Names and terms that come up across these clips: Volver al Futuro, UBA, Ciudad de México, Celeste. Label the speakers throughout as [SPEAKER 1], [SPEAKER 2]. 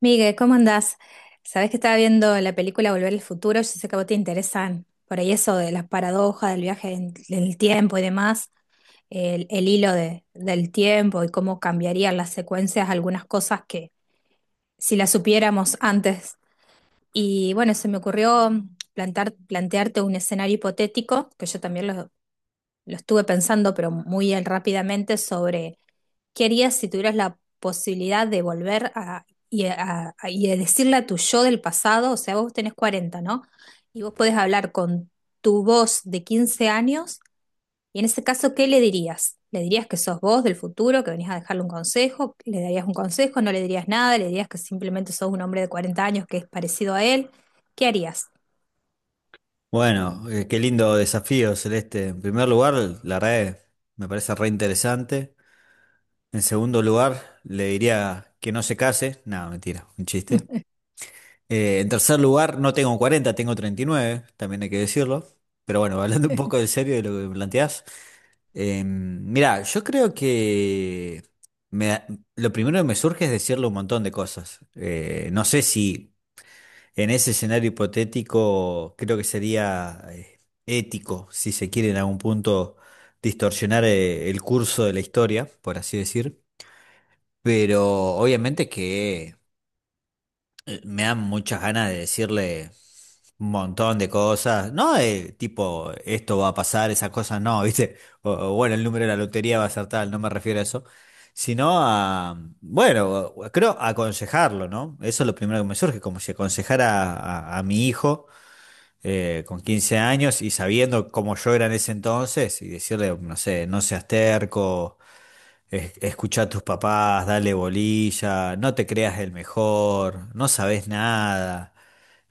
[SPEAKER 1] Miguel, ¿cómo andás? Sabés que estaba viendo la película Volver al Futuro. Yo sé que a vos te interesan por ahí eso de las paradojas del viaje en el tiempo y demás, el del tiempo y cómo cambiarían las secuencias algunas cosas que si las supiéramos antes. Y bueno, se me ocurrió plantearte un escenario hipotético, que yo también lo estuve pensando, pero muy rápidamente, sobre ¿qué harías si tuvieras la posibilidad de volver a, y, a- a- y de decirle a tu yo del pasado? O sea, vos tenés 40, ¿no? Y vos podés hablar con tu voz de 15 años. Y en ese caso, ¿qué le dirías? ¿Le dirías que sos vos del futuro, que venís a dejarle un consejo? ¿Le darías un consejo? ¿No le dirías nada? ¿Le dirías que simplemente sos un hombre de 40 años que es parecido a él? ¿Qué harías?
[SPEAKER 2] Bueno, qué lindo desafío, Celeste. En primer lugar, la red me parece re interesante. En segundo lugar, le diría que no se case. No, mentira, un chiste. En tercer lugar, no tengo 40, tengo 39, también hay que decirlo. Pero bueno, hablando un poco de serio de lo que me planteás. Mirá, yo creo que me- lo primero que me surge es decirle un montón de cosas. No sé si en ese escenario hipotético, creo que sería ético, si se quiere en algún punto, distorsionar el curso de la historia, por así decir. Pero obviamente que me dan muchas ganas de decirle un montón de cosas. No, tipo, esto va a pasar, esas cosas no, ¿viste? Bueno, el número de la lotería va a ser tal, no me refiero a eso. Sino a, bueno, creo aconsejarlo, ¿no? Eso es lo primero que me surge, como si aconsejara a mi hijo con 15 años y sabiendo cómo yo era en ese entonces y decirle, no sé, no seas terco, escucha a tus papás, dale bolilla, no te creas el mejor, no sabes nada.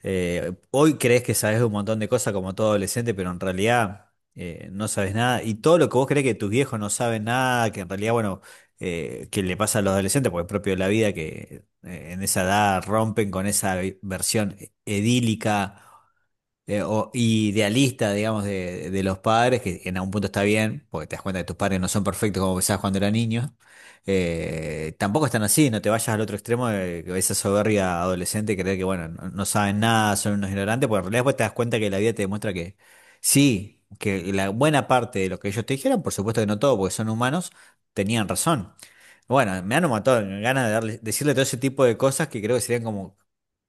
[SPEAKER 2] Hoy crees que sabes un montón de cosas como todo adolescente, pero en realidad no sabes nada. Y todo lo que vos crees que tus viejos no saben nada, que en realidad, bueno, que le pasa a los adolescentes, porque es propio de la vida que en esa edad rompen con esa versión edílica o idealista, digamos, de, los padres, que en algún punto está bien, porque te das cuenta que tus padres no son perfectos como pensabas cuando eras niño. Tampoco están así, no te vayas al otro extremo de esa soberbia adolescente, creer que, bueno, no, no saben nada, son unos ignorantes, porque en realidad después te das cuenta que la vida te demuestra que sí, que la buena parte de lo que ellos te dijeron, por supuesto que no todo, porque son humanos, tenían razón. Bueno, me han matado ganas de decirle todo ese tipo de cosas que creo que serían como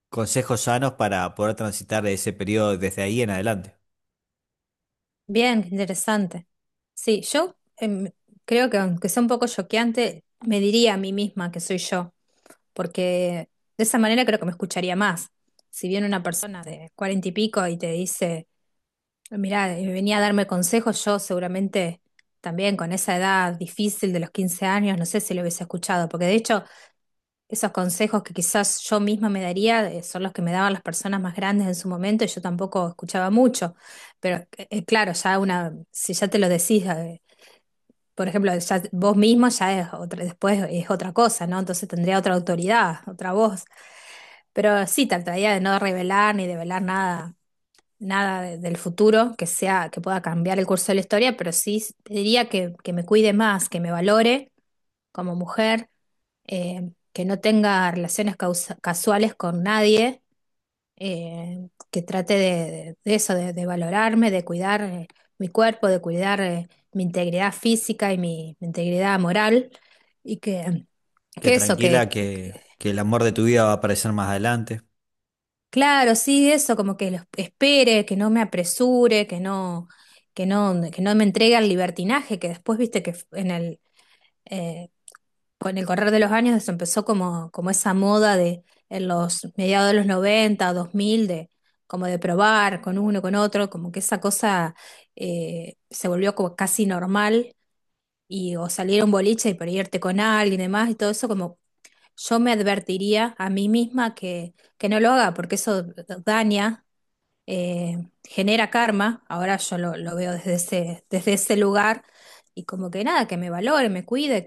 [SPEAKER 2] consejos sanos para poder transitar ese periodo desde ahí en adelante.
[SPEAKER 1] Bien, qué interesante. Sí, yo creo que aunque sea un poco choqueante, me diría a mí misma que soy yo, porque de esa manera creo que me escucharía más. Si viene una persona de cuarenta y pico y te dice, mira, venía a darme consejos, yo seguramente también con esa edad difícil de los 15 años, no sé si lo hubiese escuchado, porque de hecho esos consejos que quizás yo misma me daría son los que me daban las personas más grandes en su momento y yo tampoco escuchaba mucho. Pero claro, ya una, si ya te lo decís, por ejemplo, ya vos mismo ya es otra, después es otra cosa, ¿no? Entonces tendría otra autoridad, otra voz. Pero sí, trataría de no revelar ni develar nada, del futuro que sea, que pueda cambiar el curso de la historia, pero sí diría que me cuide más, que me valore como mujer, que no tenga casuales con nadie, que trate de eso, de valorarme, de cuidar mi cuerpo, de cuidar mi integridad física y mi integridad moral, y
[SPEAKER 2] Que
[SPEAKER 1] que eso,
[SPEAKER 2] tranquila,
[SPEAKER 1] que-
[SPEAKER 2] que el amor de tu vida va a aparecer más adelante.
[SPEAKER 1] claro, sí, eso, como que lo espere, que no me apresure, que no me entregue al libertinaje, que después viste que en eh, con el correr de los años se empezó como, como esa moda de en los mediados de los noventa dos mil de como de probar con uno, con otro, como que esa cosa se volvió como casi normal y o salir a un boliche y por ahí irte con alguien y demás y todo eso como yo me advertiría a mí misma que no lo haga porque eso daña, eh, genera karma, ahora yo lo veo desde ese lugar y como que nada, que me valore, me cuide,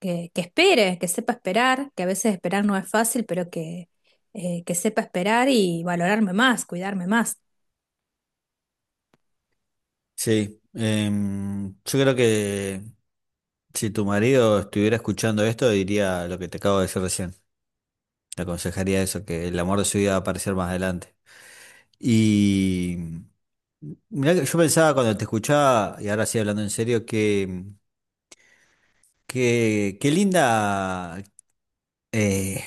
[SPEAKER 1] que espere, que sepa esperar, que a veces esperar no es fácil, pero que sepa esperar y valorarme más, cuidarme más.
[SPEAKER 2] Sí, yo creo que si tu marido estuviera escuchando esto, diría lo que te acabo de decir recién. Te aconsejaría eso, que el amor de su vida va a aparecer más adelante. Y mirá que yo pensaba cuando te escuchaba, y ahora sí hablando en serio, qué linda, eh,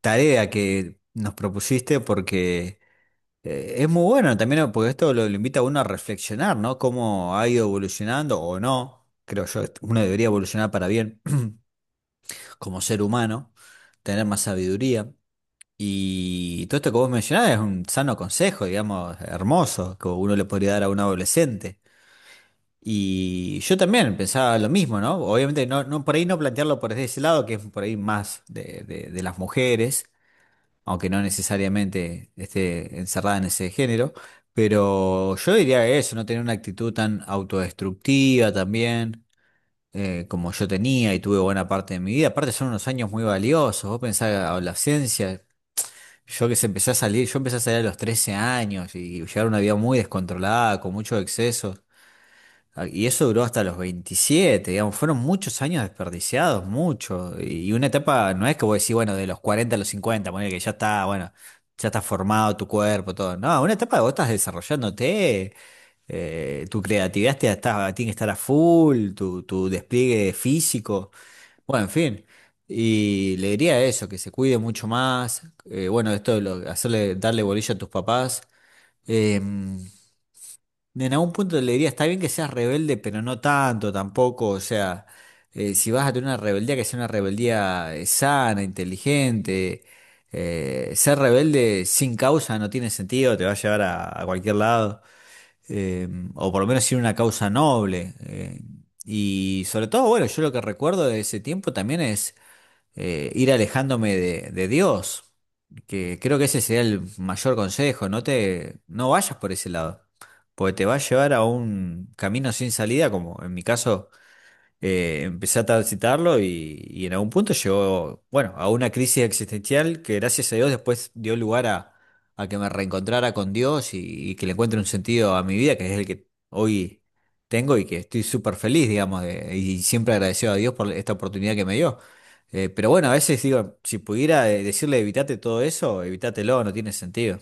[SPEAKER 2] tarea que nos propusiste porque es muy bueno también, ¿no? Porque esto lo invita a uno a reflexionar, ¿no? Cómo ha ido evolucionando o no. Creo yo, uno debería evolucionar para bien como ser humano, tener más sabiduría. Y todo esto que vos mencionás es un sano consejo, digamos, hermoso, que uno le podría dar a un adolescente. Y yo también pensaba lo mismo, ¿no? Obviamente no, no por ahí no plantearlo por ese lado, que es por ahí más de las mujeres aunque no necesariamente esté encerrada en ese género, pero yo diría que eso, no tener una actitud tan autodestructiva también, como yo tenía y tuve buena parte de mi vida. Aparte son unos años muy valiosos, vos pensás la adolescencia, yo que se empecé a salir, yo empecé a salir a los 13 años y llevar una vida muy descontrolada, con muchos excesos. Ah, y eso duró hasta los 27 digamos, fueron muchos años desperdiciados, mucho. Y una etapa, no es que vos decís, bueno, de los 40 a los 50 ponele que ya está, bueno, ya está formado tu cuerpo, todo. No, una etapa que vos estás desarrollándote, tu creatividad tiene que estar a full, tu despliegue físico, bueno, en fin. Y le diría eso, que se cuide mucho más. Bueno, esto de hacerle, darle bolilla a tus papás. em, en algún punto le diría, está bien que seas rebelde, pero no tanto tampoco. O sea, si vas a tener una rebeldía, que sea una rebeldía sana, inteligente. Ser rebelde sin causa no tiene sentido, te va a llevar a cualquier lado. Eh, o por lo menos sin una causa noble. Y sobre todo, bueno, yo lo que recuerdo de ese tiempo también es ir alejándome de Dios, que creo que ese sería el mayor consejo, no te, no vayas por ese lado, porque te va a llevar a un camino sin salida, como en mi caso empecé a transitarlo y en algún punto llegó, bueno, a una crisis existencial que gracias a Dios después dio lugar a que me reencontrara con Dios y que le encuentre un sentido a mi vida, que es el que hoy tengo y que estoy súper feliz, digamos, y siempre agradecido a Dios por esta oportunidad que me dio. Pero bueno, a veces digo, si pudiera decirle evitate todo eso, evitatelo, no tiene sentido.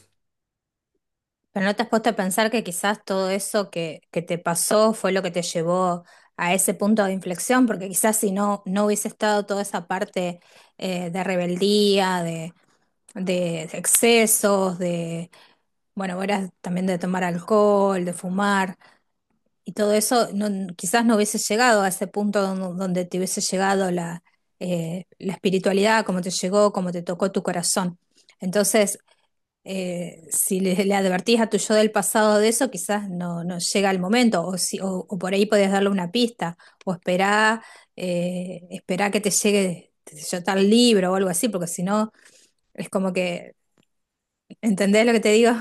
[SPEAKER 1] Pero no te has puesto a pensar que quizás todo eso que te pasó fue lo que te llevó a ese punto de inflexión, porque quizás si no, no hubiese estado toda esa parte de rebeldía, de excesos, de, bueno, vos eras también de tomar alcohol, de fumar. Y todo eso quizás no hubiese llegado a ese punto donde te hubiese llegado la espiritualidad, como te llegó, como te tocó tu corazón. Entonces, si le, le advertís a tu yo del pasado de eso, quizás no, no llega el momento, o, si, o por ahí podés darle una pista, o esperá, esperá que te llegue, qué sé yo, tal libro o algo así, porque si no, es como que, ¿entendés lo que te digo?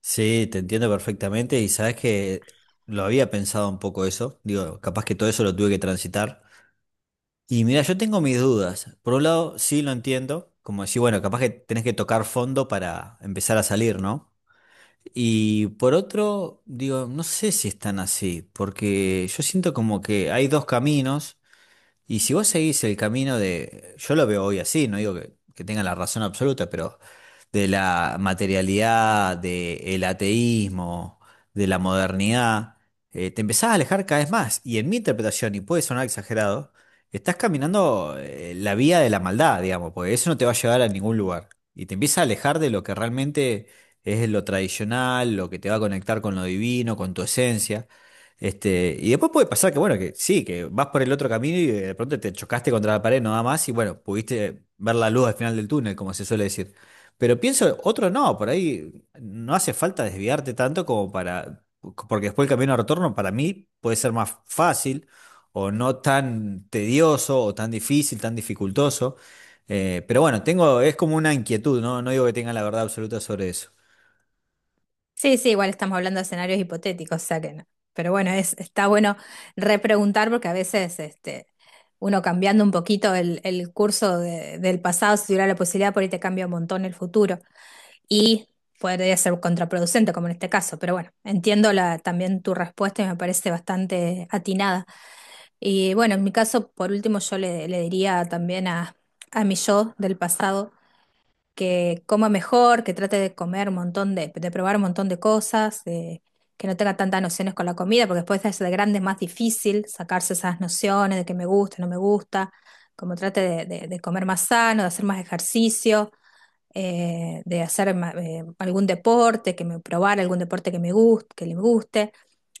[SPEAKER 2] Sí, te entiendo perfectamente y sabes que lo había pensado un poco eso, digo, capaz que todo eso lo tuve que transitar. Y mira, yo tengo mis dudas. Por un lado, sí lo entiendo, como decir, bueno, capaz que tenés que tocar fondo para empezar a salir, ¿no? Y por otro, digo, no sé si están así, porque yo siento como que hay dos caminos, y si vos seguís el camino de, yo lo veo hoy así, no digo que tenga la razón absoluta, pero de la materialidad, del ateísmo, de la modernidad, te empezás a alejar cada vez más. Y en mi interpretación, y puede sonar exagerado, estás caminando la vía de la maldad, digamos, porque eso no te va a llevar a ningún lugar. Y te empieza a alejar de lo que realmente es lo tradicional, lo que te va a conectar con lo divino, con tu esencia. Este, y después puede pasar que, bueno, que sí, que vas por el otro camino y de pronto te chocaste contra la pared, no da más, y bueno, pudiste ver la luz al final del túnel, como se suele decir. Pero pienso, otro no, por ahí no hace falta desviarte tanto como para, porque después el camino de retorno para mí puede ser más fácil o no tan tedioso o tan difícil, tan dificultoso. Pero bueno, tengo, es como una inquietud, ¿no? No digo que tenga la verdad absoluta sobre eso.
[SPEAKER 1] Sí, sí, igual estamos hablando de escenarios hipotéticos, o sea que no. Pero bueno, es, está bueno repreguntar porque a veces este, uno cambiando un poquito el del pasado, si tuviera la posibilidad, por ahí te cambia un montón el futuro. Y podría ser contraproducente, como en este caso. Pero bueno, entiendo la, también tu respuesta y me parece bastante atinada. Y bueno, en mi caso, por último, yo le diría también a mi yo del pasado que coma mejor, que trate de comer un montón de probar un montón de cosas, que no tenga tantas nociones con la comida, porque después de ser grande es más difícil sacarse esas nociones de que me gusta, no me gusta, como trate de comer más sano, de hacer más ejercicio, de hacer algún deporte, que me probar algún deporte que me guste, que le guste,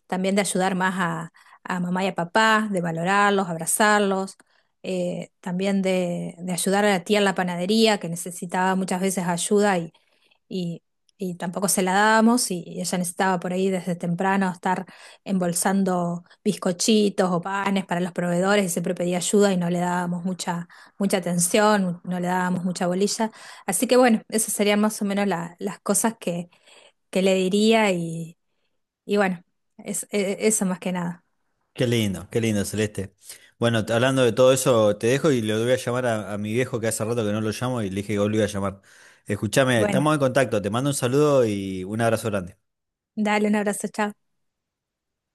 [SPEAKER 1] también de ayudar más a mamá y a papá, de valorarlos, abrazarlos, también de ayudar a la tía en la panadería, que necesitaba muchas veces ayuda y, y tampoco se la dábamos y ella necesitaba por ahí desde temprano estar embolsando bizcochitos o panes para los proveedores y siempre pedía ayuda y no le dábamos mucha atención, no le dábamos mucha bolilla. Así que bueno, esas serían más o menos las cosas que le diría y bueno, eso más que nada.
[SPEAKER 2] Qué lindo, Celeste. Bueno, hablando de todo eso, te dejo y le voy a llamar a mi viejo que hace rato que no lo llamo y le dije que hoy lo iba a llamar. Escúchame,
[SPEAKER 1] Bueno,
[SPEAKER 2] estamos en contacto, te mando un saludo y un abrazo grande.
[SPEAKER 1] dale un abrazo, chao.